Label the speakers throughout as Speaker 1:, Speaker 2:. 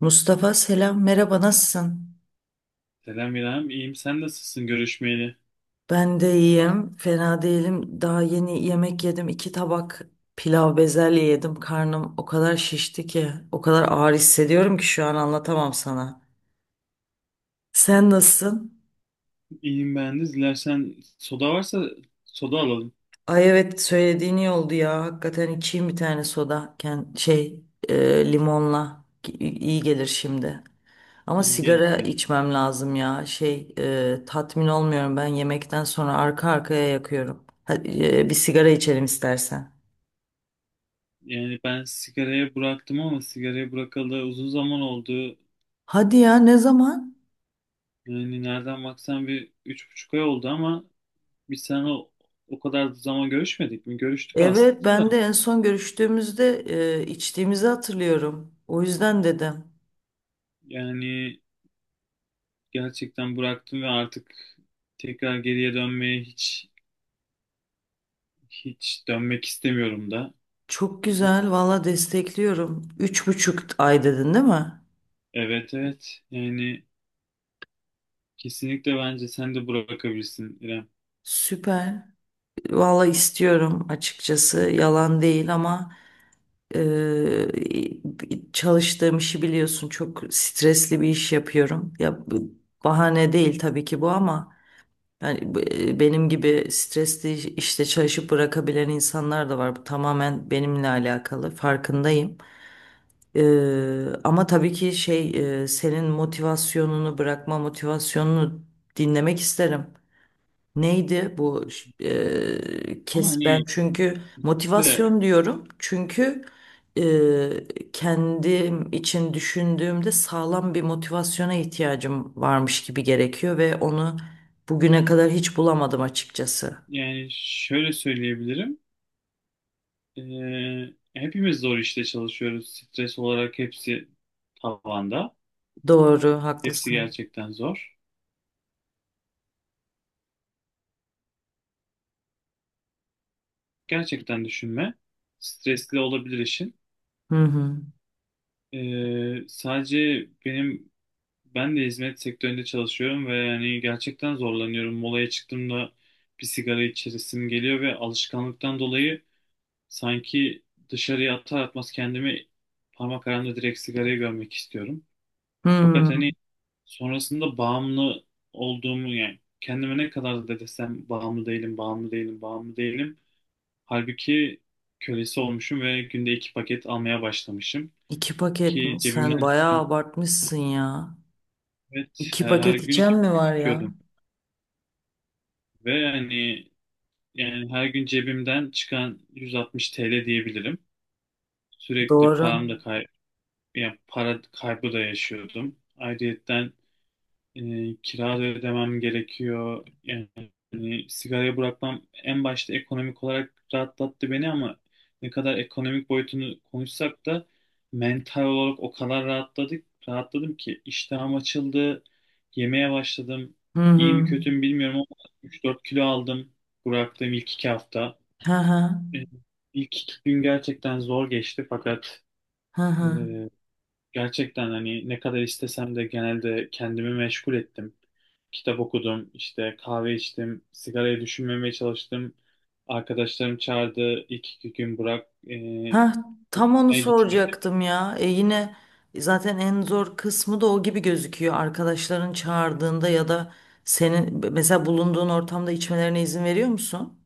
Speaker 1: Mustafa selam merhaba nasılsın?
Speaker 2: Selam İrem, iyiyim. Sen nasılsın görüşmeyeli?
Speaker 1: Ben de iyiyim fena değilim daha yeni yemek yedim iki tabak pilav bezelye yedim karnım o kadar şişti ki o kadar ağır hissediyorum ki şu an anlatamam sana. Sen nasılsın?
Speaker 2: İyiyim ben de. Dilersen soda varsa soda alalım.
Speaker 1: Ay evet söylediğin iyi oldu ya. Hakikaten içeyim bir tane soda. Limonla iyi gelir şimdi. Ama
Speaker 2: İyi
Speaker 1: sigara
Speaker 2: geldi.
Speaker 1: içmem lazım ya. Tatmin olmuyorum ben yemekten sonra arka arkaya yakıyorum. Hadi, bir sigara içelim istersen.
Speaker 2: Yani ben sigaraya bıraktım ama sigaraya bırakalı uzun zaman oldu.
Speaker 1: Hadi ya ne zaman?
Speaker 2: Yani nereden baksan bir üç buçuk ay oldu ama biz seninle o kadar zaman görüşmedik mi? Görüştük
Speaker 1: Evet
Speaker 2: aslında da.
Speaker 1: ben de en son görüştüğümüzde içtiğimizi hatırlıyorum. O yüzden dedim.
Speaker 2: Yani gerçekten bıraktım ve artık tekrar geriye dönmeye hiç dönmek istemiyorum da.
Speaker 1: Çok güzel valla destekliyorum. Üç buçuk ay dedin değil mi?
Speaker 2: Evet, evet. Yani kesinlikle bence sen de bırakabilirsin İrem.
Speaker 1: Süper. Valla istiyorum açıkçası yalan değil ama çalıştığım işi biliyorsun çok stresli bir iş yapıyorum. Ya bu bahane değil tabii ki bu ama yani benim gibi stresli işte çalışıp bırakabilen insanlar da var. Bu tamamen benimle alakalı farkındayım. E, ama tabii ki senin bırakma motivasyonunu dinlemek isterim. Neydi bu
Speaker 2: Ama
Speaker 1: kes ben
Speaker 2: hani
Speaker 1: çünkü
Speaker 2: kesinlikle,
Speaker 1: motivasyon diyorum çünkü eee, kendim için düşündüğümde sağlam bir motivasyona ihtiyacım varmış gibi gerekiyor ve onu bugüne kadar hiç bulamadım açıkçası.
Speaker 2: yani şöyle söyleyebilirim. Ee, hepimiz zor işte çalışıyoruz. Stres olarak hepsi tavanda.
Speaker 1: Doğru,
Speaker 2: Hepsi
Speaker 1: haklısın.
Speaker 2: gerçekten zor. Gerçekten düşünme. Stresli olabilir işin.
Speaker 1: Hı hı.
Speaker 2: Sadece ben de hizmet sektöründe çalışıyorum ve yani gerçekten zorlanıyorum. Molaya çıktığımda bir sigara içesim geliyor ve alışkanlıktan dolayı sanki dışarıya atar atmaz kendimi parmaklarımda direkt sigarayı görmek istiyorum. Fakat hani
Speaker 1: Hmm.
Speaker 2: sonrasında bağımlı olduğumu, yani kendime ne kadar da desem bağımlı değilim, bağımlı değilim, bağımlı değilim. Halbuki kölesi olmuşum ve günde iki paket almaya başlamışım.
Speaker 1: iki paket
Speaker 2: Ki
Speaker 1: mi? Sen
Speaker 2: cebimden
Speaker 1: bayağı
Speaker 2: çıkan,
Speaker 1: abartmışsın ya.
Speaker 2: evet,
Speaker 1: İki
Speaker 2: her
Speaker 1: paket
Speaker 2: gün
Speaker 1: içen
Speaker 2: iki
Speaker 1: mi
Speaker 2: paket
Speaker 1: var ya?
Speaker 2: içiyordum. Ve hani yani her gün cebimden çıkan 160 TL diyebilirim. Sürekli
Speaker 1: Doğru.
Speaker 2: param da kay yani para kaybı da yaşıyordum. Ayrıyetten e, kira da ödemem gerekiyor. Yani sigarayı bırakmam en başta ekonomik olarak rahatlattı beni ama ne kadar ekonomik boyutunu konuşsak da mental olarak o kadar rahatladım ki iştahım açıldı, yemeye başladım.
Speaker 1: Hı
Speaker 2: İyi mi
Speaker 1: hı.
Speaker 2: kötü mü bilmiyorum ama 3-4 kilo aldım bıraktığım ilk iki hafta.
Speaker 1: Hı hı.
Speaker 2: E, İlk iki gün gerçekten zor geçti fakat
Speaker 1: Hı hı.
Speaker 2: e, gerçekten hani ne kadar istesem de genelde kendimi meşgul ettim. Kitap okudum, işte kahve içtim, sigarayı düşünmemeye çalıştım. Arkadaşlarım çağırdı ilk iki gün, bırak,
Speaker 1: Ha tam onu
Speaker 2: gitme.
Speaker 1: soracaktım ya. Yine zaten en zor kısmı da o gibi gözüküyor. Arkadaşların çağırdığında ya da senin mesela bulunduğun ortamda içmelerine izin veriyor musun?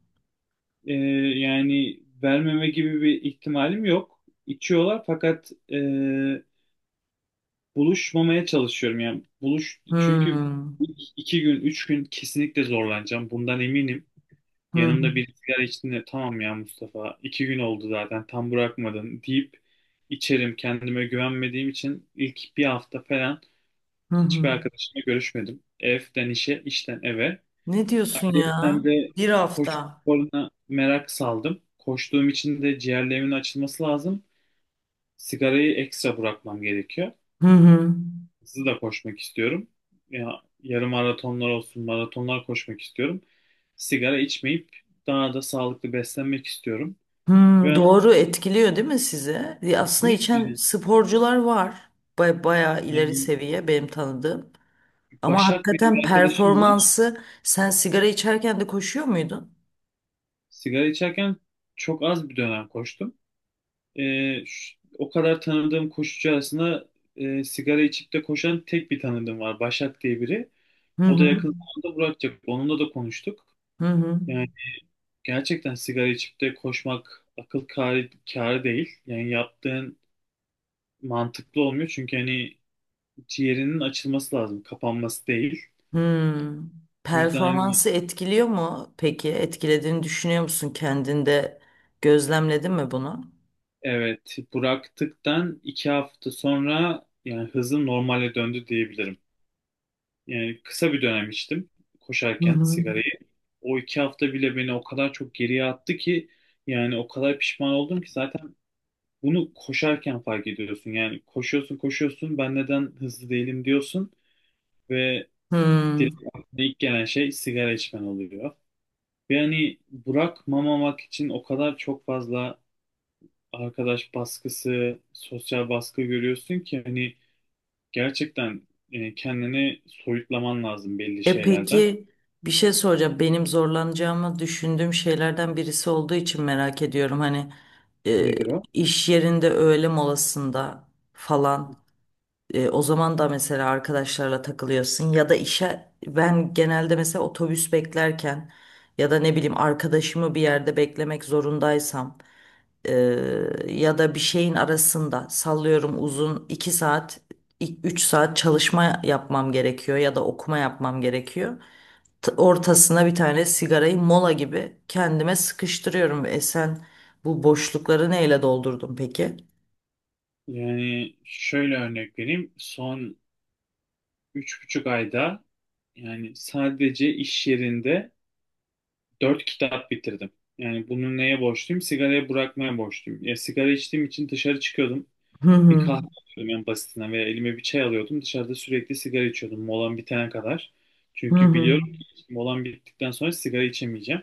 Speaker 2: E, yani vermeme gibi bir ihtimalim yok. İçiyorlar fakat buluşmamaya çalışıyorum. Yani çünkü
Speaker 1: Hmm.
Speaker 2: ilk iki gün, üç gün kesinlikle zorlanacağım. Bundan eminim.
Speaker 1: Hı hı.
Speaker 2: Yanımda bir sigara içtiğinde tamam ya Mustafa, iki gün oldu zaten, tam bırakmadın deyip içerim. Kendime güvenmediğim için ilk bir hafta falan
Speaker 1: Hı
Speaker 2: hiçbir
Speaker 1: hı.
Speaker 2: arkadaşımla görüşmedim. Evden işe, işten eve.
Speaker 1: Ne diyorsun
Speaker 2: Ayrıca
Speaker 1: ya?
Speaker 2: de
Speaker 1: Bir
Speaker 2: koşu
Speaker 1: hafta.
Speaker 2: sporuna merak saldım. Koştuğum için de ciğerlerimin açılması lazım. Sigarayı ekstra bırakmam gerekiyor.
Speaker 1: Hı hı.
Speaker 2: Hızlı da koşmak istiyorum. Ya, yarım maratonlar olsun, maratonlar koşmak istiyorum. Sigara içmeyip daha da sağlıklı beslenmek istiyorum.
Speaker 1: Hmm,
Speaker 2: Ben
Speaker 1: doğru etkiliyor değil mi sizi? Aslında
Speaker 2: kesinlikle,
Speaker 1: içen sporcular var. Bayağı ileri
Speaker 2: yani
Speaker 1: seviye benim tanıdığım. Ama
Speaker 2: Başak diye
Speaker 1: hakikaten
Speaker 2: bir arkadaşım var.
Speaker 1: performansı sen sigara içerken de koşuyor muydun?
Speaker 2: Sigara içerken çok az bir dönem koştum. O kadar tanıdığım koşucu arasında sigara içip de koşan tek bir tanıdığım var. Başak diye biri.
Speaker 1: Hı
Speaker 2: O da
Speaker 1: hı.
Speaker 2: yakın zamanda bırakacak. Onunla da konuştuk.
Speaker 1: Hı hı.
Speaker 2: Yani gerçekten sigara içip de koşmak akıl kârı değil. Yani yaptığın mantıklı olmuyor. Çünkü hani ciğerinin açılması lazım, kapanması değil.
Speaker 1: Hmm.
Speaker 2: O yüzden hani
Speaker 1: Performansı etkiliyor mu peki? Etkilediğini düşünüyor musun kendinde? Gözlemledin mi bunu?
Speaker 2: evet, bıraktıktan iki hafta sonra yani hızım normale döndü diyebilirim. Yani kısa bir dönem içtim
Speaker 1: Hı
Speaker 2: koşarken
Speaker 1: hı.
Speaker 2: sigarayı. O iki hafta bile beni o kadar çok geriye attı ki yani o kadar pişman oldum ki. Zaten bunu koşarken fark ediyorsun. Yani koşuyorsun koşuyorsun, ben neden hızlı değilim diyorsun ve
Speaker 1: Hmm.
Speaker 2: direkt aklına ilk gelen şey sigara içmen oluyor. Ve hani bırakmamamak için o kadar çok fazla arkadaş baskısı, sosyal baskı görüyorsun ki hani gerçekten kendini soyutlaman lazım belli
Speaker 1: E
Speaker 2: şeylerden.
Speaker 1: peki bir şey soracağım. Benim zorlanacağımı düşündüğüm şeylerden birisi olduğu için merak ediyorum. Hani e,
Speaker 2: Nedir o?
Speaker 1: iş yerinde öğle molasında falan. O zaman da mesela arkadaşlarla takılıyorsun ya da işe ben genelde mesela otobüs beklerken ya da ne bileyim arkadaşımı bir yerde beklemek zorundaysam e, ya da bir şeyin arasında sallıyorum uzun 2 saat 3 saat çalışma yapmam gerekiyor ya da okuma yapmam gerekiyor. Ortasına bir tane sigarayı mola gibi kendime sıkıştırıyorum. Sen bu boşlukları neyle doldurdun peki?
Speaker 2: Yani şöyle örnek vereyim. Son üç buçuk ayda yani sadece iş yerinde dört kitap bitirdim. Yani bunu neye borçluyum? Sigarayı bırakmaya borçluyum. Ya, sigara içtiğim için dışarı çıkıyordum.
Speaker 1: Hı
Speaker 2: Bir
Speaker 1: hı.
Speaker 2: kahve alıyordum en basitinden veya elime bir çay alıyordum. Dışarıda sürekli sigara içiyordum molam bitene kadar.
Speaker 1: Hı
Speaker 2: Çünkü
Speaker 1: hı.
Speaker 2: biliyorum ki molam bittikten sonra sigara içemeyeceğim.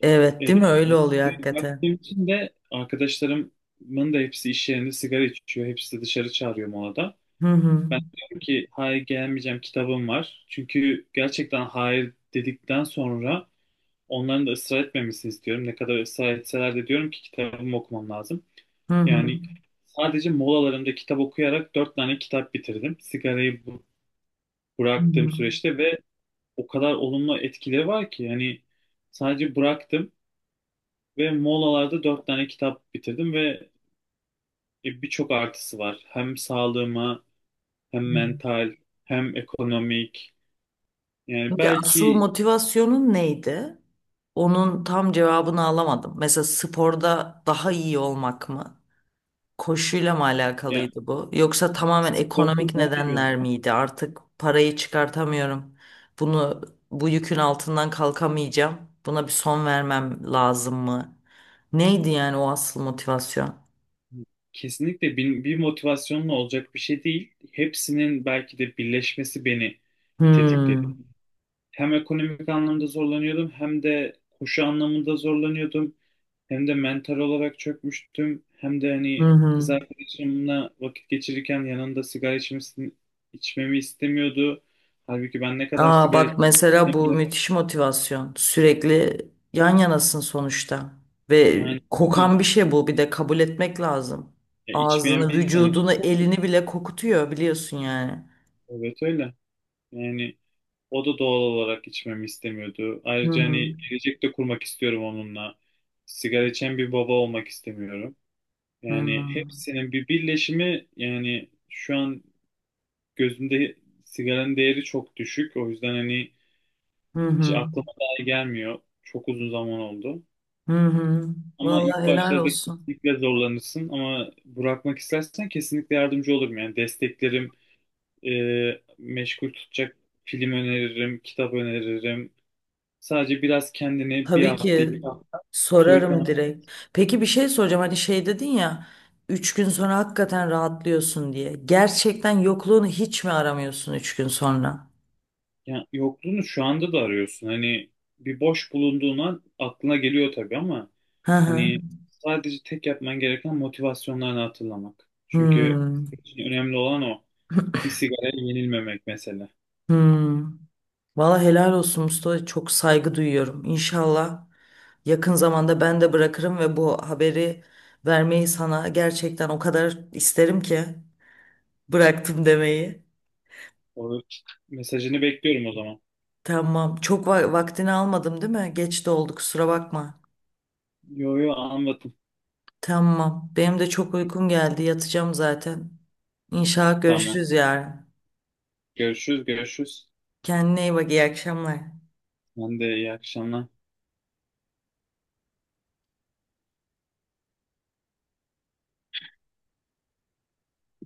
Speaker 1: Evet,
Speaker 2: E,
Speaker 1: değil mi? Öyle oluyor hakikaten.
Speaker 2: baktığım için de arkadaşlarımın da hepsi iş yerinde sigara içiyor. Hepsi de dışarı çağırıyor molada.
Speaker 1: Hı hı.
Speaker 2: Ben diyorum ki hayır, gelmeyeceğim, kitabım var. Çünkü gerçekten hayır dedikten sonra onların da ısrar etmemesini istiyorum. Ne kadar ısrar etseler de diyorum ki kitabımı okumam lazım.
Speaker 1: Hı hı.
Speaker 2: Yani sadece molalarımda kitap okuyarak dört tane kitap bitirdim sigarayı
Speaker 1: Hı
Speaker 2: bıraktığım
Speaker 1: hı.
Speaker 2: süreçte ve o kadar olumlu etkileri var ki. Yani sadece bıraktım ve molalarda dört tane kitap bitirdim ve birçok artısı var. Hem sağlığıma, hem
Speaker 1: Hı.
Speaker 2: mental, hem ekonomik. Yani
Speaker 1: Peki asıl
Speaker 2: belki,
Speaker 1: motivasyonun neydi? Onun tam cevabını alamadım. Mesela sporda daha iyi olmak mı? Koşuyla mı
Speaker 2: yani
Speaker 1: alakalıydı bu? Yoksa tamamen
Speaker 2: sporda
Speaker 1: ekonomik
Speaker 2: daha iyi
Speaker 1: nedenler
Speaker 2: olmak
Speaker 1: miydi? Artık parayı çıkartamıyorum. Bunu bu yükün altından kalkamayacağım. Buna bir son vermem lazım mı? Neydi yani o asıl motivasyon?
Speaker 2: kesinlikle bir motivasyonla olacak bir şey değil. Hepsinin belki de birleşmesi beni tetikledi.
Speaker 1: Hmm.
Speaker 2: Hem ekonomik anlamda zorlanıyordum, hem de koşu anlamında zorlanıyordum. Hem de mental olarak çökmüştüm. Hem de
Speaker 1: Hı
Speaker 2: hani kız
Speaker 1: hı.
Speaker 2: arkadaşımla vakit geçirirken yanında sigara içmemi istemiyordu. Halbuki ben ne kadar
Speaker 1: Aa
Speaker 2: sigara
Speaker 1: bak mesela
Speaker 2: içsem
Speaker 1: bu
Speaker 2: de
Speaker 1: müthiş motivasyon. Sürekli yan yanasın sonuçta. Ve
Speaker 2: aynı ama
Speaker 1: kokan bir şey bu bir de kabul etmek lazım.
Speaker 2: ya, içmeyen
Speaker 1: Ağzını,
Speaker 2: bir insan için
Speaker 1: vücudunu,
Speaker 2: çok
Speaker 1: elini
Speaker 2: kötü.
Speaker 1: bile kokutuyor biliyorsun yani.
Speaker 2: Evet, öyle. Yani o da doğal olarak içmemi istemiyordu.
Speaker 1: Hı
Speaker 2: Ayrıca
Speaker 1: hı.
Speaker 2: hani gelecekte kurmak istiyorum onunla. Sigara içen bir baba olmak istemiyorum.
Speaker 1: Hı
Speaker 2: Yani
Speaker 1: hı.
Speaker 2: hepsinin bir birleşimi, yani şu an gözümde sigaranın değeri çok düşük. O yüzden hani
Speaker 1: Hı
Speaker 2: hiç
Speaker 1: hı.
Speaker 2: aklıma dahi gelmiyor. Çok uzun zaman oldu.
Speaker 1: Hı hı.
Speaker 2: Ama ilk
Speaker 1: Vallahi helal
Speaker 2: başlarda
Speaker 1: olsun.
Speaker 2: kesinlikle zorlanırsın ama bırakmak istersen kesinlikle yardımcı olurum. Yani desteklerim, meşgul tutacak film öneririm, kitap öneririm. Sadece biraz kendini bir
Speaker 1: Tabii
Speaker 2: hafta, iki
Speaker 1: ki
Speaker 2: hafta
Speaker 1: sorarım
Speaker 2: soyutlan.
Speaker 1: direkt. Peki bir şey soracağım. Hani şey dedin ya üç gün sonra hakikaten rahatlıyorsun diye. Gerçekten yokluğunu hiç mi aramıyorsun üç gün sonra?
Speaker 2: Yani yokluğunu şu anda da arıyorsun. Hani bir boş bulunduğuna aklına geliyor tabii ama
Speaker 1: Hı hı.
Speaker 2: hani sadece tek yapman gereken motivasyonlarını hatırlamak. Çünkü
Speaker 1: Hmm,
Speaker 2: senin için önemli olan o. Bir sigaraya yenilmemek mesela.
Speaker 1: hmm. Valla helal olsun Mustafa. Çok saygı duyuyorum. İnşallah yakın zamanda ben de bırakırım ve bu haberi vermeyi sana gerçekten o kadar isterim ki bıraktım demeyi.
Speaker 2: O mesajını bekliyorum o zaman.
Speaker 1: Tamam. Çok vaktini almadım değil mi? Geç de oldu kusura bakma.
Speaker 2: Yo yo, anladım.
Speaker 1: Tamam. Benim de çok uykum geldi. Yatacağım zaten. İnşallah
Speaker 2: Tamam.
Speaker 1: görüşürüz yarın.
Speaker 2: Görüşürüz, görüşürüz.
Speaker 1: Kendine iyi bak. İyi akşamlar.
Speaker 2: Ben de iyi akşamlar.